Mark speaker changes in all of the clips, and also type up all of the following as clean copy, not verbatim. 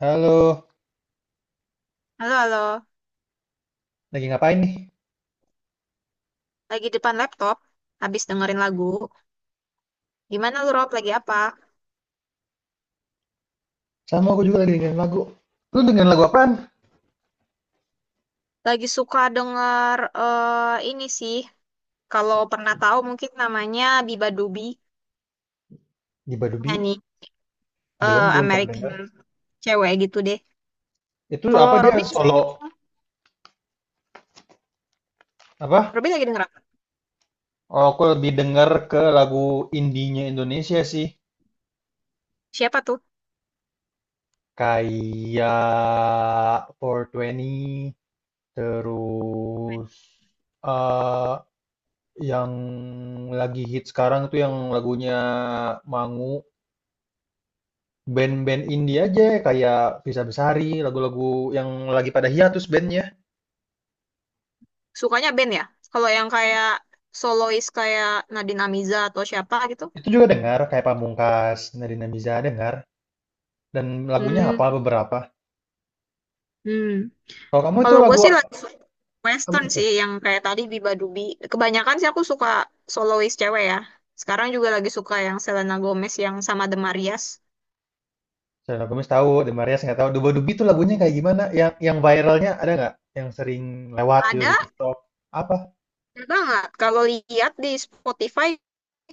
Speaker 1: Halo,
Speaker 2: Halo, halo.
Speaker 1: lagi ngapain nih?
Speaker 2: Lagi depan laptop, habis dengerin lagu. Gimana lu, Rob? Lagi apa?
Speaker 1: Sama aku juga lagi dengerin lagu. Lu dengerin lagu apaan?
Speaker 2: Lagi suka denger ini sih. Kalau pernah tahu mungkin namanya Biba Dubi,
Speaker 1: Giba Dubi?
Speaker 2: nyanyi
Speaker 1: Belum, belum pernah
Speaker 2: American
Speaker 1: denger.
Speaker 2: cewek gitu deh.
Speaker 1: Itu
Speaker 2: Kalau
Speaker 1: apa dia
Speaker 2: Robin,
Speaker 1: solo? Apa?
Speaker 2: Robin lagi denger apa?
Speaker 1: Oh, aku lebih denger ke lagu indinya Indonesia sih.
Speaker 2: Siapa tuh?
Speaker 1: Kayak four Twenty, terus eh yang lagi hit sekarang tuh yang lagunya Mangu. Band-band indie aja kayak Bisa Besari, lagu-lagu yang lagi pada hiatus bandnya.
Speaker 2: Sukanya band ya? Kalau yang kayak solois kayak Nadine Amiza atau siapa gitu?
Speaker 1: Itu juga dengar, kayak Pamungkas, Nadine Amizah dengar, dan lagunya apa
Speaker 2: Hmm,
Speaker 1: beberapa.
Speaker 2: hmm.
Speaker 1: Kalau kamu itu
Speaker 2: Kalau gue
Speaker 1: lagu
Speaker 2: sih
Speaker 1: apa
Speaker 2: Western
Speaker 1: itu?
Speaker 2: sih yang kayak tadi Biba Dubi. Kebanyakan sih aku suka solois cewek ya. Sekarang juga lagi suka yang Selena Gomez yang sama The Marias.
Speaker 1: Selena Gomez tahu, The Marías nggak tahu. Duba Dubi itu lagunya kayak gimana? Yang viralnya ada nggak? Yang sering lewat gitu
Speaker 2: Ada,
Speaker 1: di TikTok? Apa?
Speaker 2: ada banget. Kalau lihat di Spotify,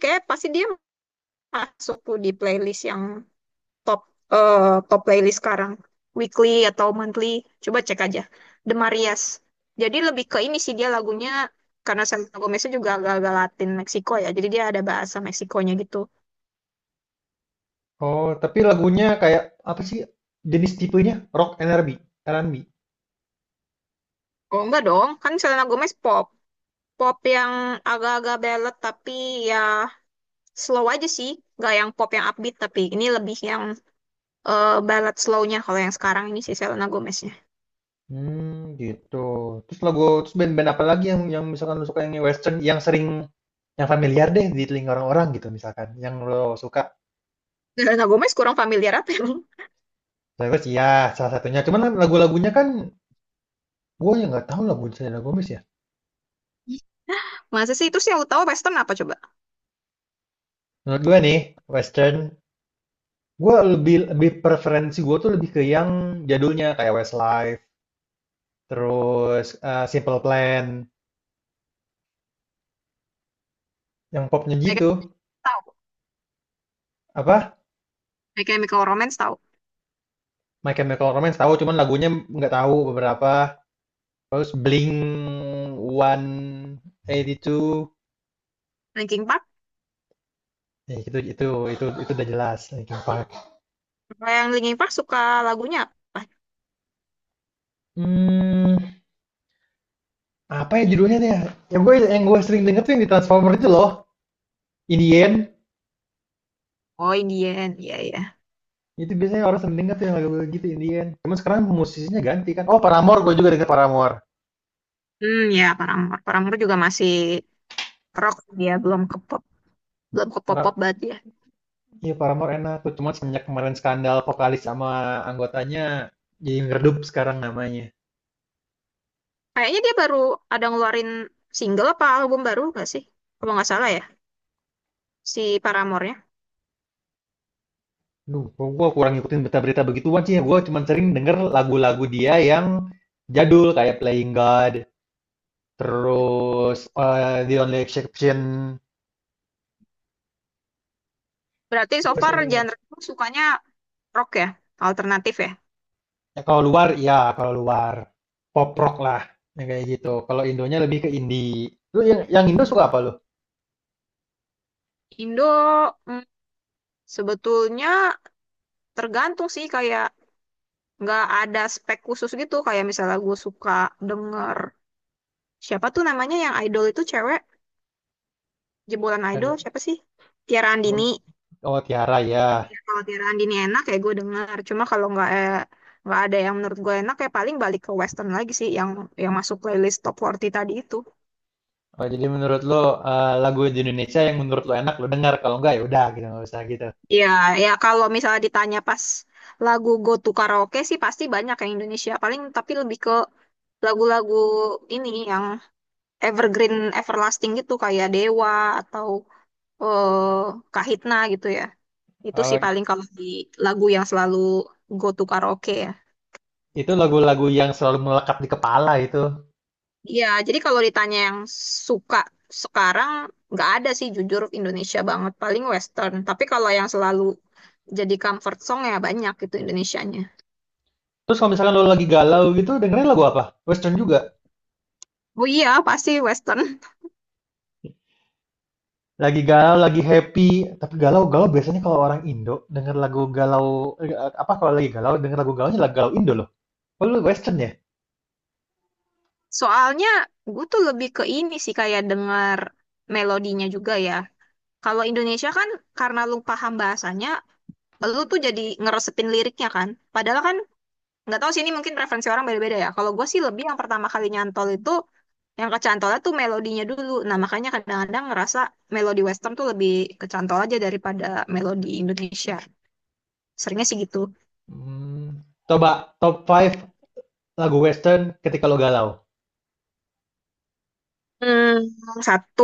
Speaker 2: kayak pasti dia masuk tuh di playlist yang top eh, top playlist sekarang. Weekly atau monthly. Coba cek aja. The Marias. Jadi lebih ke ini sih dia lagunya, karena Selena Gomeznya juga agak-agak Latin Meksiko ya. Jadi dia ada bahasa Meksikonya gitu.
Speaker 1: Oh, tapi lagunya kayak apa sih? Jenis tipenya rock and R&B, R&B.
Speaker 2: Oh enggak dong, kan Selena Gomez pop. Pop yang agak-agak ballad tapi ya slow aja sih, nggak yang pop yang upbeat, tapi ini lebih yang ballad slownya kalau yang sekarang ini sih Selena Gomeznya.
Speaker 1: Hmm, gitu. Terus band-band apa lagi yang misalkan lo suka yang western, yang sering yang familiar deh di telinga orang-orang gitu misalkan, yang lo suka.
Speaker 2: Selena Gomez kurang familiar apa emang?
Speaker 1: Terus ya salah satunya. Cuman kan lagu-lagunya kan gue yang nggak tahu lagu Selena Gomez ya.
Speaker 2: Masa sih itu sih yang lu tahu Western, apa coba?
Speaker 1: Menurut gue nih Western, gue lebih lebih preferensi gue tuh lebih ke yang jadulnya kayak Westlife, terus Simple Plan, yang popnya
Speaker 2: Mereka
Speaker 1: gitu.
Speaker 2: tahu
Speaker 1: Apa?
Speaker 2: My Chemical Romance, tahu
Speaker 1: My Chemical Romance tahu, cuman lagunya nggak tahu beberapa. Terus Blink 182.
Speaker 2: Linkin Park.
Speaker 1: Ya, itu udah jelas Linkin Park.
Speaker 2: Kalau yang Linkin Park suka lagunya apa?
Speaker 1: Hmm, apa ya judulnya tuh ya? Yang gue sering denger tuh yang di Transformer itu loh. Indien.
Speaker 2: Oh, Indian, iya, iya.
Speaker 1: Itu biasanya orang sering denger tuh, yang lagu gitu Indien. Cuman sekarang musisinya ganti kan. Oh, Paramore, gue juga denger Paramore.
Speaker 2: Hmm, ya Paramore. Paramore juga masih rock, dia belum ke pop, belum ke pop pop banget dia.
Speaker 1: Iya, Paramore enak tuh. Cuman semenjak kemarin skandal vokalis sama anggotanya, jadi ngeredup sekarang namanya.
Speaker 2: Kayaknya dia baru ada ngeluarin single apa album baru gak sih? Kalau nggak salah ya, si Paramore-nya.
Speaker 1: Duh, gue kurang ngikutin berita-berita begituan sih. Gue cuman sering denger lagu-lagu dia yang jadul kayak Playing God, terus The Only Exception.
Speaker 2: Berarti
Speaker 1: Gue
Speaker 2: so
Speaker 1: gua
Speaker 2: far
Speaker 1: sering.
Speaker 2: genre lu sukanya rock ya, alternatif ya.
Speaker 1: Ya kalau luar, ya kalau luar. Pop rock lah, yang kayak gitu. Kalau Indonya lebih ke indie. Lu yang Indo suka apa lu?
Speaker 2: Indo, mm, sebetulnya tergantung sih, kayak nggak ada spek khusus gitu. Kayak misalnya gue suka denger siapa tuh namanya, yang idol itu cewek, jebolan idol
Speaker 1: Kayak-
Speaker 2: siapa sih? Tiara Andini.
Speaker 1: Oh, Tiara ya.
Speaker 2: Kalau Tira Andini enak ya, gue dengar, cuma kalau nggak ada yang menurut gue enak, ya paling balik ke western lagi sih, yang masuk playlist top 40 tadi itu.
Speaker 1: Oh, jadi menurut lu lagu di Indonesia yang menurut lu enak lu dengar, kalau enggak ya udah gitu, nggak usah gitu.
Speaker 2: Iya, ya kalau misalnya ditanya pas lagu go to karaoke sih pasti banyak yang Indonesia, paling tapi lebih ke lagu-lagu ini yang evergreen everlasting gitu, kayak Dewa atau eh Kahitna gitu ya, itu sih
Speaker 1: Oh,
Speaker 2: paling kalau di lagu yang selalu go to karaoke ya.
Speaker 1: itu lagu-lagu yang selalu melekat di kepala itu.
Speaker 2: Iya, jadi kalau ditanya yang suka sekarang, nggak ada sih jujur Indonesia banget, paling Western. Tapi kalau yang selalu jadi comfort song ya banyak itu Indonesianya.
Speaker 1: Terus kalau misalkan lu lagi galau gitu, dengerin lagu apa? Western juga.
Speaker 2: Oh iya, pasti Western.
Speaker 1: Lagi galau, lagi happy, tapi galau-galau biasanya kalau orang Indo denger lagu galau eh, apa kalau lagi galau denger lagu galaunya lagu galau Indo loh. Oh, lu Western ya?
Speaker 2: Soalnya gue tuh lebih ke ini sih, kayak denger melodinya juga ya. Kalau Indonesia kan karena lu paham bahasanya, lu tuh jadi ngeresepin liriknya kan. Padahal kan nggak tahu sih, ini mungkin referensi orang beda-beda ya. Kalau gue sih lebih yang pertama kali nyantol itu, yang kecantola tuh melodinya dulu. Nah, makanya kadang-kadang ngerasa melodi western tuh lebih kecantol aja daripada melodi Indonesia. Seringnya sih gitu.
Speaker 1: Mmm, Coba top five lagu western ketika lo galau.
Speaker 2: Hmm, satu,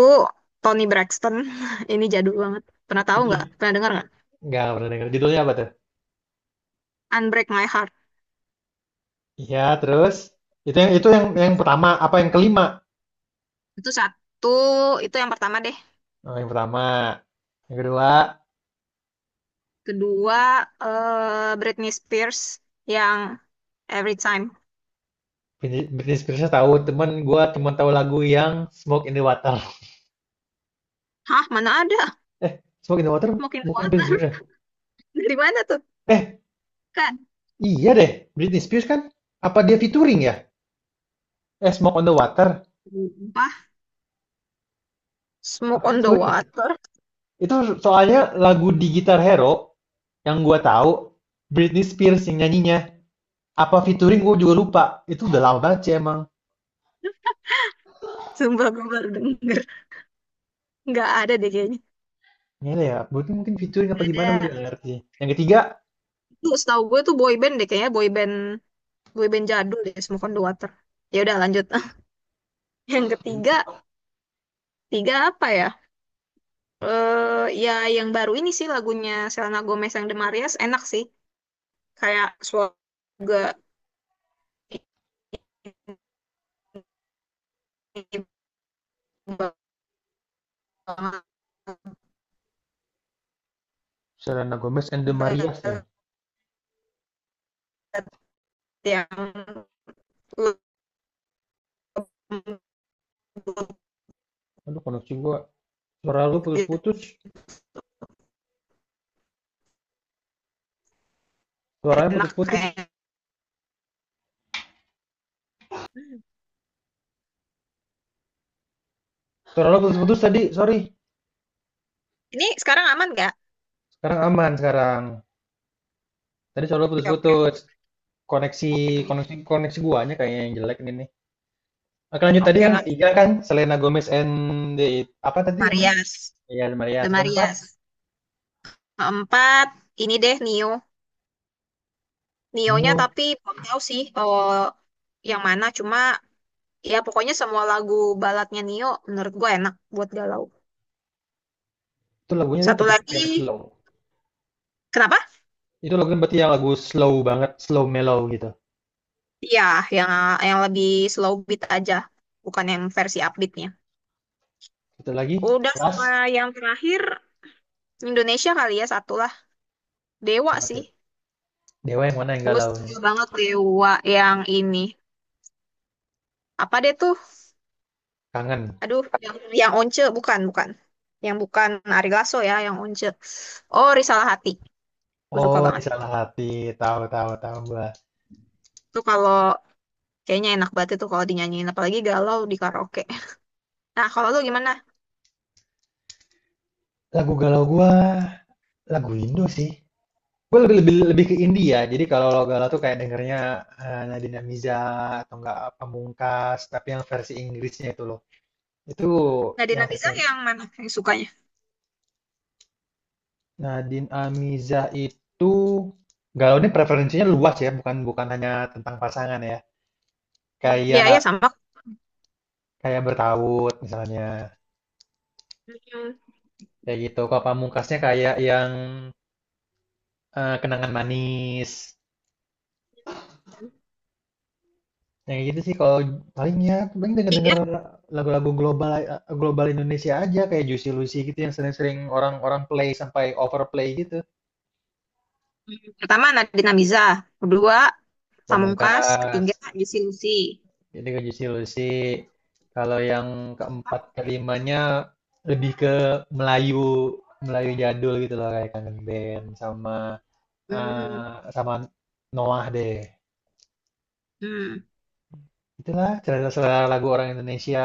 Speaker 2: Toni Braxton. Ini jadul banget. Pernah tahu nggak? Pernah dengar nggak?
Speaker 1: Nggak pernah denger, judulnya apa tuh?
Speaker 2: Unbreak My Heart.
Speaker 1: Iya, terus? Itu yang itu yang pertama, apa yang kelima?
Speaker 2: Itu satu, itu yang pertama deh.
Speaker 1: Oh, yang pertama. Yang kedua.
Speaker 2: Kedua, Britney Spears yang Every Time.
Speaker 1: Britney Britney Spears tahu, cuman gua cuman tahu lagu yang Smoke in the Water.
Speaker 2: Hah, mana ada?
Speaker 1: Eh, Smoke in the Water
Speaker 2: Mungkin the
Speaker 1: bukan Britney
Speaker 2: Water.
Speaker 1: Spears ya?
Speaker 2: Dari mana tuh?
Speaker 1: Eh,
Speaker 2: Kan.
Speaker 1: iya deh, Britney Spears kan? Apa dia featuring ya? Eh, Smoke on the Water,
Speaker 2: Sumpah.
Speaker 1: apa
Speaker 2: Smoke on the
Speaker 1: featuring gitu?
Speaker 2: Water.
Speaker 1: Itu soalnya lagu di Guitar Hero yang gua tahu Britney Spears yang nyanyinya. Apa featuring gue juga lupa, itu udah lama banget sih emang.
Speaker 2: Sumpah gue baru denger. Nggak ada deh kayaknya,
Speaker 1: Gimana ya, mungkin mungkin featuring apa
Speaker 2: nggak ada.
Speaker 1: gimana gue juga nggak ngerti. Yang ketiga,
Speaker 2: Itu setahu gue tuh boy band deh kayaknya, boy band jadul deh Smoke on the Water. Ya udah lanjut. Yang ketiga, tiga apa ya, ya yang baru ini sih lagunya Selena Gomez yang The Marias, enak sih, kayak suara juga ini banget,
Speaker 1: Selena Gomez and the Marias
Speaker 2: banget
Speaker 1: ya.
Speaker 2: yang lembut
Speaker 1: Aduh, koneksi gue. Suara lu
Speaker 2: gitu.
Speaker 1: putus-putus, suaranya
Speaker 2: Enak
Speaker 1: putus-putus.
Speaker 2: kayak
Speaker 1: Suara lu putus-putus tadi, sorry.
Speaker 2: ini, sekarang aman nggak?
Speaker 1: Sekarang aman sekarang. Tadi suara lu
Speaker 2: Oke, oke,
Speaker 1: putus-putus. Koneksi
Speaker 2: oke,
Speaker 1: koneksi koneksi guanya kayaknya yang jelek ini nih. Oke lanjut, tadi
Speaker 2: oke,
Speaker 1: yang
Speaker 2: nggak?
Speaker 1: ketiga kan Selena Gomez and the apa tadi emang?
Speaker 2: Marias.
Speaker 1: Ya,
Speaker 2: The
Speaker 1: Marias. Keempat,
Speaker 2: Marias. Keempat, ini deh Neo. Neo-nya
Speaker 1: Nio.
Speaker 2: tapi belum tahu sih, oh, yang mana. Cuma ya pokoknya semua lagu baladnya Neo menurut gue enak buat galau.
Speaker 1: Itu lagunya tuh
Speaker 2: Satu
Speaker 1: tipe-tipe
Speaker 2: lagi,
Speaker 1: yang slow.
Speaker 2: kenapa?
Speaker 1: Itu lagunya berarti yang lagu slow banget, slow mellow gitu.
Speaker 2: Iya, yang yang lebih slow beat aja, bukan yang versi upbeatnya.
Speaker 1: Satu lagi,
Speaker 2: Udah,
Speaker 1: Last
Speaker 2: sama yang terakhir Indonesia kali ya, satu lah. Dewa
Speaker 1: sama
Speaker 2: sih.
Speaker 1: tuh. Dewa yang mana yang
Speaker 2: Gue
Speaker 1: galau? Yang
Speaker 2: suka banget Dewa yang ini. Apa deh tuh?
Speaker 1: kangen.
Speaker 2: Aduh, yang Once bukan, bukan. Yang bukan Ari Lasso ya, yang Once. Oh, Risalah Hati. Aku suka
Speaker 1: Oh, ini
Speaker 2: banget.
Speaker 1: salah hati. Tahu tahu tahu gua.
Speaker 2: Itu kalau kayaknya enak banget itu kalau dinyanyiin apalagi galau di karaoke. Nah, kalau lu gimana?
Speaker 1: Lagu galau gua lagu Indo sih. Gua lebih lebih lebih ke India ya. Jadi kalau lagu galau tuh kayak dengernya Nadine Amiza atau enggak Pamungkas, tapi yang versi Inggrisnya itu loh. Itu yang
Speaker 2: Nadine
Speaker 1: versi
Speaker 2: Mizar yang mana yang sukanya?
Speaker 1: Nadine Amiza itu galau, ini preferensinya luas ya, bukan bukan hanya tentang pasangan ya.
Speaker 2: Hmm, iya, iya,
Speaker 1: Kayak
Speaker 2: sama.
Speaker 1: Kayak Bertaut misalnya,
Speaker 2: Hmm,
Speaker 1: kayak gitu. Kalau Pamungkasnya kayak yang Kenangan Manis. Yang kayak gitu sih kalau palingnya, paling denger-denger
Speaker 2: tiga.
Speaker 1: lagu-lagu global Indonesia aja kayak Juicy Lucy gitu yang sering-sering orang-orang play sampai overplay gitu.
Speaker 2: Hmm, pertama Nadine Mizar, kedua Pamungkas,
Speaker 1: Pamungkas,
Speaker 2: ketiga Juicy Lucy.
Speaker 1: jadi ke Juicy Lucy. Kalau yang keempat
Speaker 2: Apa?
Speaker 1: kelimanya lebih ke Melayu Melayu jadul gitu loh kayak Kangen Band sama
Speaker 2: Hmm,
Speaker 1: sama Noah deh.
Speaker 2: hmm,
Speaker 1: Itulah selera-selera lagu orang Indonesia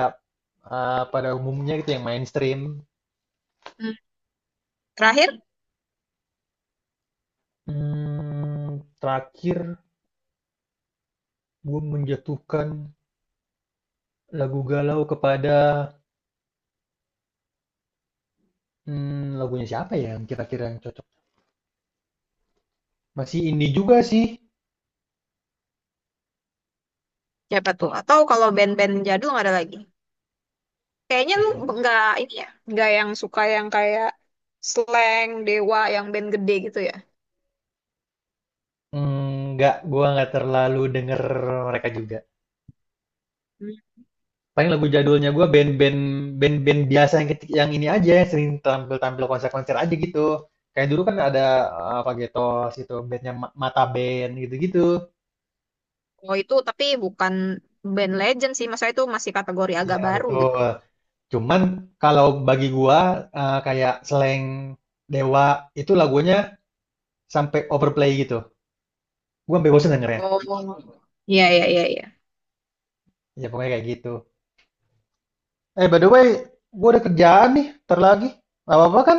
Speaker 1: pada umumnya gitu yang mainstream.
Speaker 2: hmm. Terakhir
Speaker 1: Hmm, Terakhir gue menjatuhkan lagu galau kepada lagunya siapa ya yang kira-kira yang cocok? Masih indie juga sih.
Speaker 2: siapa tuh? Atau kalau band-band jadul nggak ada lagi? Kayaknya lu nggak ini ya, nggak yang suka yang kayak slang, dewa, yang band gede gitu ya.
Speaker 1: Hmm, nggak, gue nggak terlalu denger mereka juga.
Speaker 2: Hmm.
Speaker 1: Paling lagu jadulnya gue band-band biasa yang ini aja yang sering tampil-tampil konser-konser aja gitu. Kayak dulu kan ada apa gitu, itu bandnya Mata Band gitu-gitu.
Speaker 2: Oh itu tapi bukan band legend sih, masa itu masih kategori agak
Speaker 1: Iya
Speaker 2: baru gitu.
Speaker 1: betul. Cuman kalau bagi gua kayak slang Dewa itu lagunya sampai overplay gitu. Gua sampai bosen dengernya.
Speaker 2: Oh, iya, iya, iya, iya.
Speaker 1: Ya ya, pokoknya kayak gitu. Eh, by the way, gua ada kerjaan nih, ntar lagi. Gak apa-apa kan?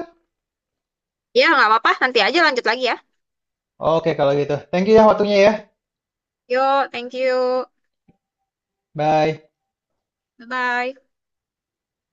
Speaker 2: Ya nggak apa-apa, nanti aja lanjut lagi ya.
Speaker 1: Oke kalau gitu. Thank you ya, waktunya ya.
Speaker 2: Yo, thank you.
Speaker 1: Bye.
Speaker 2: Bye-bye.